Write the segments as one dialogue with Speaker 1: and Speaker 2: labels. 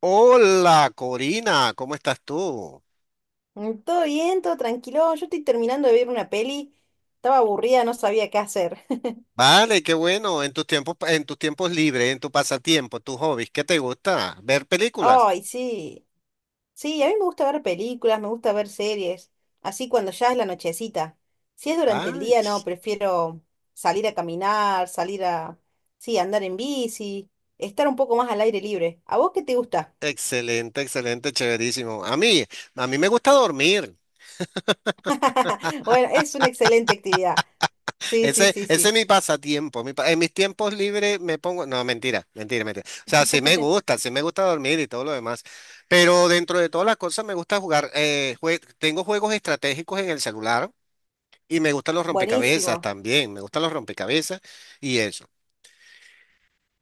Speaker 1: Hola, Corina, ¿cómo estás tú?
Speaker 2: Todo bien, todo tranquilo. Yo estoy terminando de ver una peli. Estaba aburrida, no sabía qué hacer.
Speaker 1: Vale, qué bueno. En tus tiempos libres, en tu pasatiempo, tus hobbies, ¿qué te gusta? ¿Ver películas?
Speaker 2: Ay, sí. Sí, a mí me gusta ver películas, me gusta ver series. Así cuando ya es la nochecita. Si es durante el
Speaker 1: Ay,
Speaker 2: día, no, prefiero salir a caminar, salir a, sí, andar en bici, estar un poco más al aire libre. ¿A vos qué te gusta?
Speaker 1: excelente, excelente, chéverísimo. A mí me gusta dormir.
Speaker 2: Bueno, es una excelente actividad. Sí, sí,
Speaker 1: Ese,
Speaker 2: sí,
Speaker 1: ese es
Speaker 2: sí.
Speaker 1: mi pasatiempo. En mis tiempos libres me pongo, no, mentira, mentira, mentira. O sea, sí me gusta dormir y todo lo demás. Pero dentro de todas las cosas me gusta jugar. Tengo juegos estratégicos en el celular. Y me gustan los rompecabezas
Speaker 2: Buenísimo.
Speaker 1: también, me gustan los rompecabezas y eso.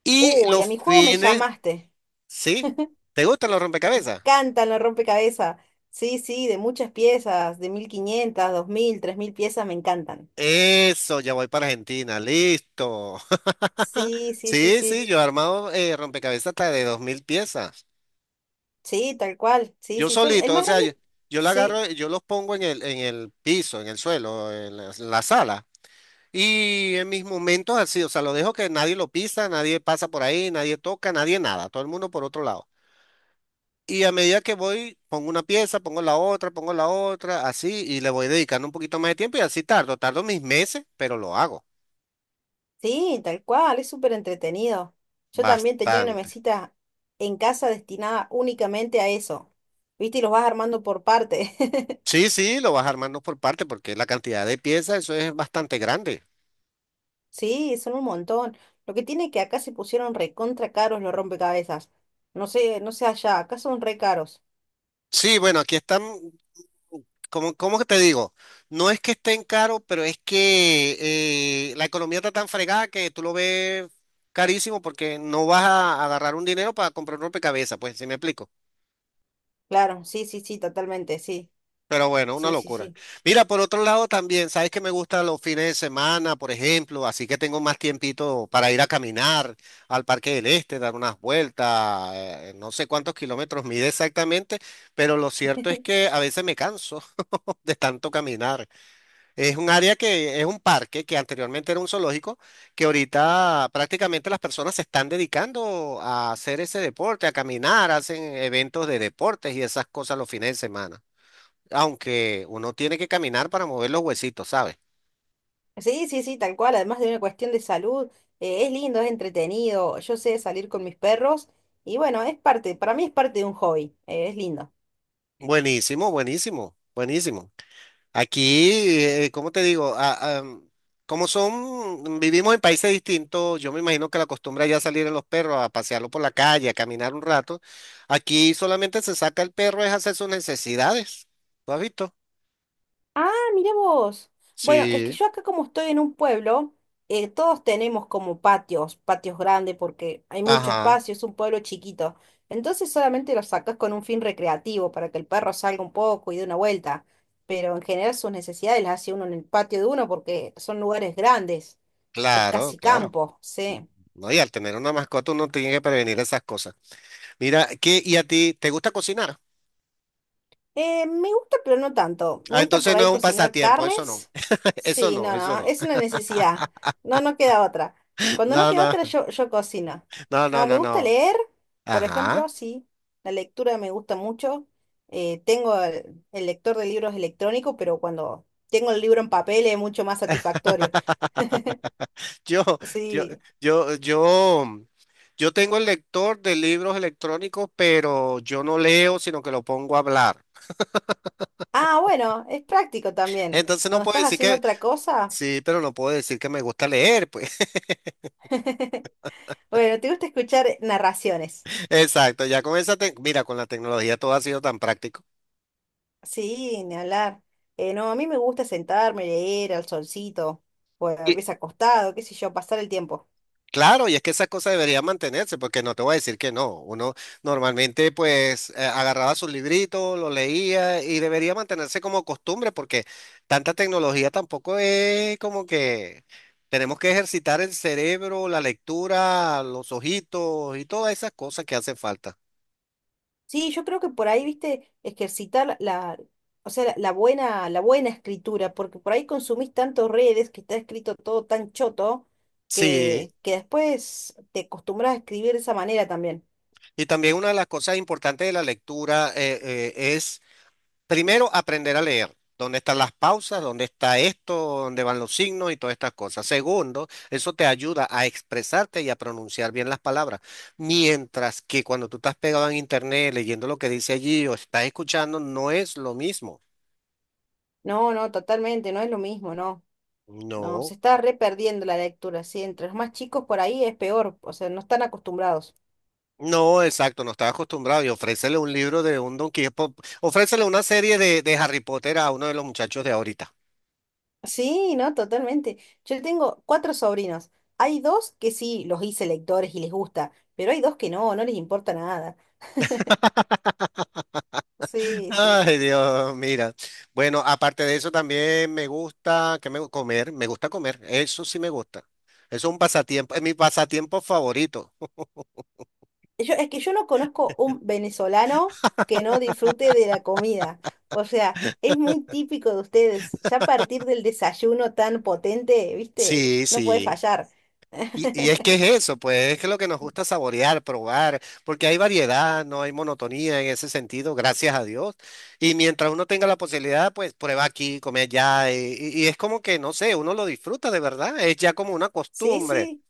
Speaker 1: Y
Speaker 2: Uy,
Speaker 1: los
Speaker 2: a mi juego me
Speaker 1: fines,
Speaker 2: llamaste.
Speaker 1: ¿sí? ¿Te gustan los rompecabezas?
Speaker 2: Cantan los rompecabezas. Sí, sí, de muchas piezas, de 1.500 2.000 3.000 piezas, me encantan.
Speaker 1: Eso, ya voy para Argentina, listo.
Speaker 2: Sí, sí, sí,
Speaker 1: Sí, sí,
Speaker 2: sí.
Speaker 1: yo he armado rompecabezas hasta de 2.000 piezas.
Speaker 2: Sí, tal cual. Sí,
Speaker 1: Yo
Speaker 2: sí, yo, el
Speaker 1: solito, o
Speaker 2: más
Speaker 1: sea, yo,
Speaker 2: grande,
Speaker 1: yo la
Speaker 2: sí,
Speaker 1: agarro, yo los pongo en el piso, en el suelo, en la sala. Y en mis momentos así, o sea, lo dejo que nadie lo pisa, nadie pasa por ahí, nadie toca, nadie nada, todo el mundo por otro lado. Y a medida que voy, pongo una pieza, pongo la otra, así, y le voy dedicando un poquito más de tiempo y así tardo, tardo mis meses, pero lo hago
Speaker 2: sí, tal cual, es súper entretenido. Yo también tenía una
Speaker 1: bastante.
Speaker 2: mesita en casa destinada únicamente a eso. ¿Viste? Y los vas armando por parte.
Speaker 1: Sí, sí, lo vas armando por parte porque la cantidad de piezas, eso es bastante grande.
Speaker 2: Sí, son un montón. Lo que tiene que acá se pusieron recontra caros los rompecabezas. No sé, no sé allá, acá son re caros.
Speaker 1: Sí, bueno, aquí están, como, ¿cómo que te digo? No es que estén caros, pero es que la economía está tan fregada que tú lo ves carísimo porque no vas a agarrar un dinero para comprar un rompecabezas, pues, ¿si me explico?
Speaker 2: Claro, sí, sí, sí, totalmente, sí.
Speaker 1: Pero bueno, una
Speaker 2: Sí, sí,
Speaker 1: locura.
Speaker 2: sí.
Speaker 1: Mira, por otro lado también, sabes que me gustan los fines de semana, por ejemplo, así que tengo más tiempito para ir a caminar al Parque del Este, dar unas vueltas, no sé cuántos kilómetros mide exactamente, pero lo cierto es que a veces me canso de tanto caminar. Es un área que es un parque que anteriormente era un zoológico, que ahorita prácticamente las personas se están dedicando a hacer ese deporte, a caminar, hacen eventos de deportes y esas cosas los fines de semana, aunque uno tiene que caminar para mover los huesitos, ¿sabes?
Speaker 2: Sí, sí, sí, tal cual, además de una cuestión de salud, es lindo, es entretenido, yo sé salir con mis perros y bueno, es parte, para mí es parte de un hobby, es lindo.
Speaker 1: Buenísimo, buenísimo, buenísimo. Aquí, ¿cómo te digo? Ah, ah, como son, vivimos en países distintos, yo me imagino que la costumbre ya salir a los perros a pasearlo por la calle, a caminar un rato. Aquí solamente se saca el perro es hacer sus necesidades. ¿Lo has visto?
Speaker 2: Ah, mirá vos. Bueno, es que
Speaker 1: Sí.
Speaker 2: yo acá como estoy en un pueblo, todos tenemos como patios, patios grandes porque hay mucho
Speaker 1: Ajá,
Speaker 2: espacio, es un pueblo chiquito. Entonces solamente los sacas con un fin recreativo para que el perro salga un poco y dé una vuelta. Pero en general sus necesidades las hace uno en el patio de uno porque son lugares grandes. Es
Speaker 1: claro,
Speaker 2: casi
Speaker 1: claro.
Speaker 2: campo, sí.
Speaker 1: No, y al tener una mascota uno tiene que prevenir esas cosas. Mira, ¿qué, y a ti te gusta cocinar?
Speaker 2: Me gusta, pero no tanto. Me
Speaker 1: Ah,
Speaker 2: gusta
Speaker 1: entonces
Speaker 2: por
Speaker 1: no es
Speaker 2: ahí
Speaker 1: un
Speaker 2: cocinar
Speaker 1: pasatiempo, eso no.
Speaker 2: carnes.
Speaker 1: Eso
Speaker 2: Sí,
Speaker 1: no,
Speaker 2: no,
Speaker 1: eso
Speaker 2: no,
Speaker 1: no.
Speaker 2: es una necesidad. No, no queda otra. Cuando no
Speaker 1: No,
Speaker 2: queda
Speaker 1: no,
Speaker 2: otra, yo cocino.
Speaker 1: no, no,
Speaker 2: No,
Speaker 1: no,
Speaker 2: me gusta
Speaker 1: no.
Speaker 2: leer, por ejemplo,
Speaker 1: Ajá.
Speaker 2: sí. La lectura me gusta mucho. Tengo el lector de libros electrónico, pero cuando tengo el libro en papel es mucho más satisfactorio.
Speaker 1: Yo, yo,
Speaker 2: Sí.
Speaker 1: yo, yo tengo el lector de libros electrónicos, pero yo no leo, sino que lo pongo a hablar.
Speaker 2: Ah, bueno, es práctico también.
Speaker 1: Entonces no
Speaker 2: Cuando
Speaker 1: puedo
Speaker 2: estás
Speaker 1: decir
Speaker 2: haciendo
Speaker 1: que,
Speaker 2: otra cosa,
Speaker 1: sí, pero no puedo decir que me gusta leer, pues.
Speaker 2: bueno, te gusta escuchar narraciones.
Speaker 1: Exacto, ya con esa, mira, con la tecnología todo ha sido tan práctico.
Speaker 2: Sí, ni hablar. No, a mí me gusta sentarme, leer al solcito, o a veces acostado, qué sé yo, pasar el tiempo.
Speaker 1: Claro, y es que esa cosa debería mantenerse, porque no te voy a decir que no. Uno normalmente pues agarraba su librito, lo leía y debería mantenerse como costumbre, porque tanta tecnología tampoco es como que tenemos que ejercitar el cerebro, la lectura, los ojitos y todas esas cosas que hacen falta.
Speaker 2: Sí, yo creo que por ahí, viste, ejercitar la, o sea, la buena, la buena escritura, porque por ahí consumís tantos redes que está escrito todo tan choto
Speaker 1: Sí,
Speaker 2: que después te acostumbras a escribir de esa manera también.
Speaker 1: y también una de las cosas importantes de la lectura es primero, aprender a leer. ¿Dónde están las pausas? ¿Dónde está esto? ¿Dónde van los signos y todas estas cosas? Segundo, eso te ayuda a expresarte y a pronunciar bien las palabras. Mientras que cuando tú estás pegado en internet leyendo lo que dice allí o estás escuchando, no es lo mismo.
Speaker 2: No, no, totalmente, no es lo mismo, no. No, se
Speaker 1: No,
Speaker 2: está re perdiendo la lectura, sí, entre los más chicos por ahí es peor, o sea, no están acostumbrados.
Speaker 1: no, exacto, no estás acostumbrado. Y ofrécele un libro de un Don Quijote, ofrécele una serie de Harry Potter a uno de los muchachos de ahorita.
Speaker 2: Sí, no, totalmente. Yo tengo 4 sobrinos. Hay dos que sí los hice lectores y les gusta, pero hay dos que no, no les importa nada. Sí, sí,
Speaker 1: Ay,
Speaker 2: sí.
Speaker 1: Dios, mira. Bueno, aparte de eso también me gusta comer, me gusta comer, eso sí me gusta. Eso es un pasatiempo, es mi pasatiempo favorito.
Speaker 2: Yo, es que yo no conozco un venezolano que no disfrute de la comida. O sea, es muy típico de ustedes. Ya a partir del desayuno tan potente, ¿viste?
Speaker 1: Sí,
Speaker 2: No puede
Speaker 1: sí.
Speaker 2: fallar.
Speaker 1: Y es que es eso, pues es que lo que nos gusta saborear, probar, porque hay variedad, no hay monotonía en ese sentido, gracias a Dios. Y mientras uno tenga la posibilidad, pues prueba aquí, come allá, y es como que, no sé, uno lo disfruta de verdad, es ya como una
Speaker 2: Sí,
Speaker 1: costumbre,
Speaker 2: sí,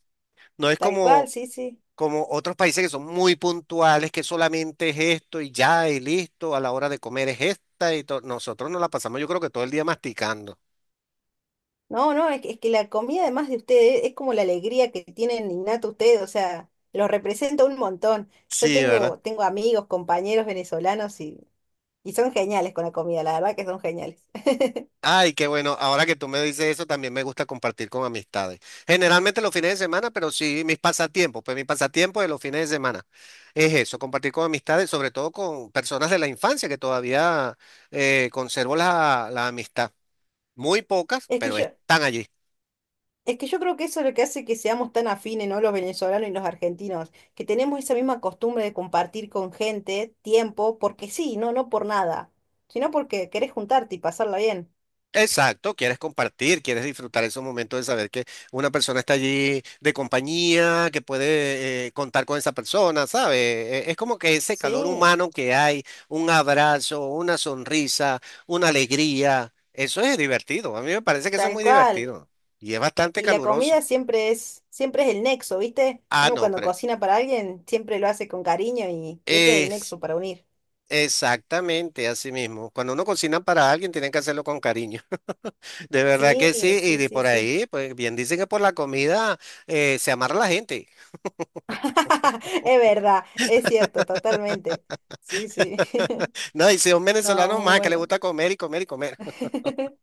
Speaker 1: no es
Speaker 2: tal cual,
Speaker 1: como...
Speaker 2: sí, sí.
Speaker 1: como otros países que son muy puntuales, que solamente es esto y ya y listo, a la hora de comer es esta y todo. Nosotros nos la pasamos yo creo que todo el día masticando.
Speaker 2: No, no, es que la comida además de ustedes es como la alegría que tienen innata ustedes, o sea, los representa un montón. Yo
Speaker 1: Sí, ¿verdad?
Speaker 2: tengo, tengo amigos, compañeros venezolanos y son geniales con la comida, la verdad que son geniales.
Speaker 1: Ay, qué bueno. Ahora que tú me dices eso, también me gusta compartir con amistades. Generalmente los fines de semana, pero sí mis pasatiempos. Pues mi pasatiempo de los fines de semana es eso, compartir con amistades, sobre todo con personas de la infancia que todavía conservo la amistad. Muy pocas,
Speaker 2: Es que
Speaker 1: pero
Speaker 2: yo,
Speaker 1: están allí.
Speaker 2: es que yo creo que eso es lo que hace que seamos tan afines, ¿no? Los venezolanos y los argentinos, que tenemos esa misma costumbre de compartir con gente tiempo, porque sí, no, no por nada, sino porque querés juntarte y pasarla bien.
Speaker 1: Exacto, quieres compartir, quieres disfrutar esos momentos de saber que una persona está allí de compañía, que puede contar con esa persona, ¿sabes? Es como que ese calor
Speaker 2: Sí,
Speaker 1: humano que hay, un abrazo, una sonrisa, una alegría, eso es divertido. A mí me parece que eso es
Speaker 2: tal
Speaker 1: muy
Speaker 2: cual.
Speaker 1: divertido y es bastante
Speaker 2: Y la
Speaker 1: caluroso.
Speaker 2: comida siempre es el nexo, ¿viste?
Speaker 1: Ah,
Speaker 2: Uno
Speaker 1: no,
Speaker 2: cuando
Speaker 1: pero
Speaker 2: cocina para alguien siempre lo hace con cariño y ese es el
Speaker 1: es
Speaker 2: nexo para unir.
Speaker 1: exactamente así mismo. Cuando uno cocina para alguien, tienen que hacerlo con cariño. De verdad
Speaker 2: Sí,
Speaker 1: que sí, y
Speaker 2: sí,
Speaker 1: de
Speaker 2: sí,
Speaker 1: por
Speaker 2: sí.
Speaker 1: ahí, pues bien dicen que por la comida se amarra la gente.
Speaker 2: Es verdad, es cierto, totalmente. Sí, sí.
Speaker 1: No, y si un
Speaker 2: No,
Speaker 1: venezolano
Speaker 2: muy
Speaker 1: más que le
Speaker 2: bueno.
Speaker 1: gusta comer y comer y comer.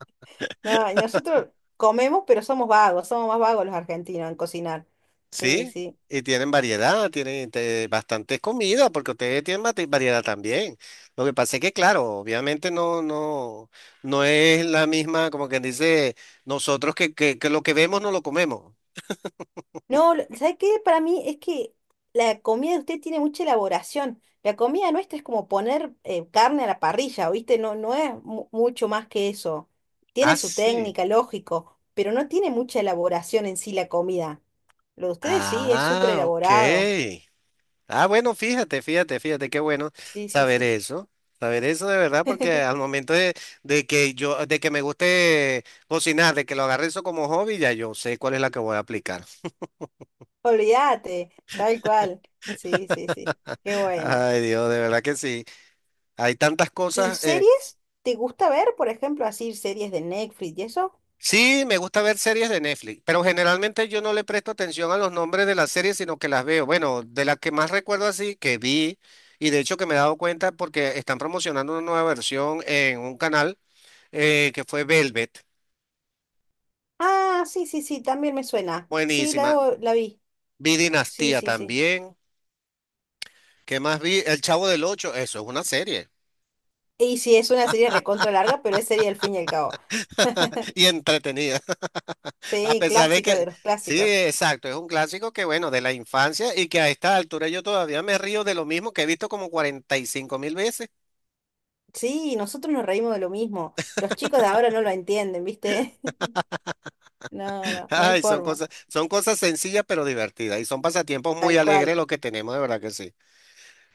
Speaker 2: No, y nosotros comemos, pero somos vagos, somos más vagos los argentinos en cocinar. Sí,
Speaker 1: Sí,
Speaker 2: sí.
Speaker 1: y tienen variedad, tienen este, bastantes comidas, porque ustedes tienen variedad también. Lo que pasa es que, claro, obviamente no es la misma, como quien dice, nosotros que lo que vemos no lo comemos.
Speaker 2: No, lo- ¿sabe qué? Para mí es que la comida de usted tiene mucha elaboración. La comida nuestra es como poner carne a la parrilla, ¿viste? No, no es mu- mucho más que eso. Tiene
Speaker 1: Ah,
Speaker 2: su
Speaker 1: sí.
Speaker 2: técnica, lógico, pero no tiene mucha elaboración en sí la comida. Lo de ustedes sí es súper
Speaker 1: Ah,
Speaker 2: elaborado.
Speaker 1: ok. Ah, bueno, fíjate, fíjate, fíjate, qué bueno
Speaker 2: Sí, sí,
Speaker 1: saber
Speaker 2: sí.
Speaker 1: eso, saber eso de verdad, porque al momento de que yo, de que me guste cocinar, de que lo agarre eso como hobby, ya yo sé cuál es la que voy a aplicar.
Speaker 2: Olvídate, tal cual. Sí, sí, sí. Qué bueno.
Speaker 1: Ay, Dios, de verdad que sí. Hay tantas
Speaker 2: ¿Y
Speaker 1: cosas.
Speaker 2: series? ¿Te gusta ver, por ejemplo, así series de Netflix y eso?
Speaker 1: Sí, me gusta ver series de Netflix, pero generalmente yo no le presto atención a los nombres de las series, sino que las veo. Bueno, de las que más recuerdo así, que vi, y de hecho que me he dado cuenta porque están promocionando una nueva versión en un canal que fue Velvet.
Speaker 2: Ah, sí, sí, sí, también me suena. Sí, la,
Speaker 1: Buenísima.
Speaker 2: debo- la vi.
Speaker 1: Vi
Speaker 2: Sí,
Speaker 1: Dinastía
Speaker 2: sí, sí.
Speaker 1: también. ¿Qué más vi? El Chavo del Ocho. Eso es una serie
Speaker 2: Y sí, es una serie recontra larga, pero es serie al fin y al cabo.
Speaker 1: y entretenida. A
Speaker 2: Sí,
Speaker 1: pesar de
Speaker 2: clásico de
Speaker 1: que,
Speaker 2: los
Speaker 1: sí,
Speaker 2: clásicos.
Speaker 1: exacto, es un clásico que, bueno, de la infancia y que a esta altura yo todavía me río de lo mismo que he visto como 45.000 veces.
Speaker 2: Sí, nosotros nos reímos de lo mismo. Los chicos de ahora no lo entienden, ¿viste? No, no, no hay
Speaker 1: Ay,
Speaker 2: forma.
Speaker 1: son cosas sencillas pero divertidas y son pasatiempos muy
Speaker 2: Tal
Speaker 1: alegres
Speaker 2: cual.
Speaker 1: lo que tenemos, de verdad que sí.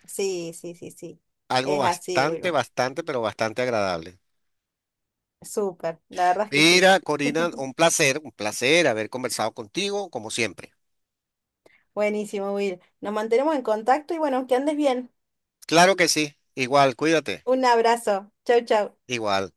Speaker 2: Sí, sí, sí, sí.
Speaker 1: Algo
Speaker 2: Es así,
Speaker 1: bastante,
Speaker 2: Wilmer.
Speaker 1: bastante, pero bastante agradable.
Speaker 2: Súper, la verdad es que sí.
Speaker 1: Mira, Corina, un placer haber conversado contigo, como siempre.
Speaker 2: Buenísimo, Will. Nos mantenemos en contacto y bueno, que andes bien.
Speaker 1: Claro que sí. Igual, cuídate.
Speaker 2: Un abrazo. Chau, chau.
Speaker 1: Igual.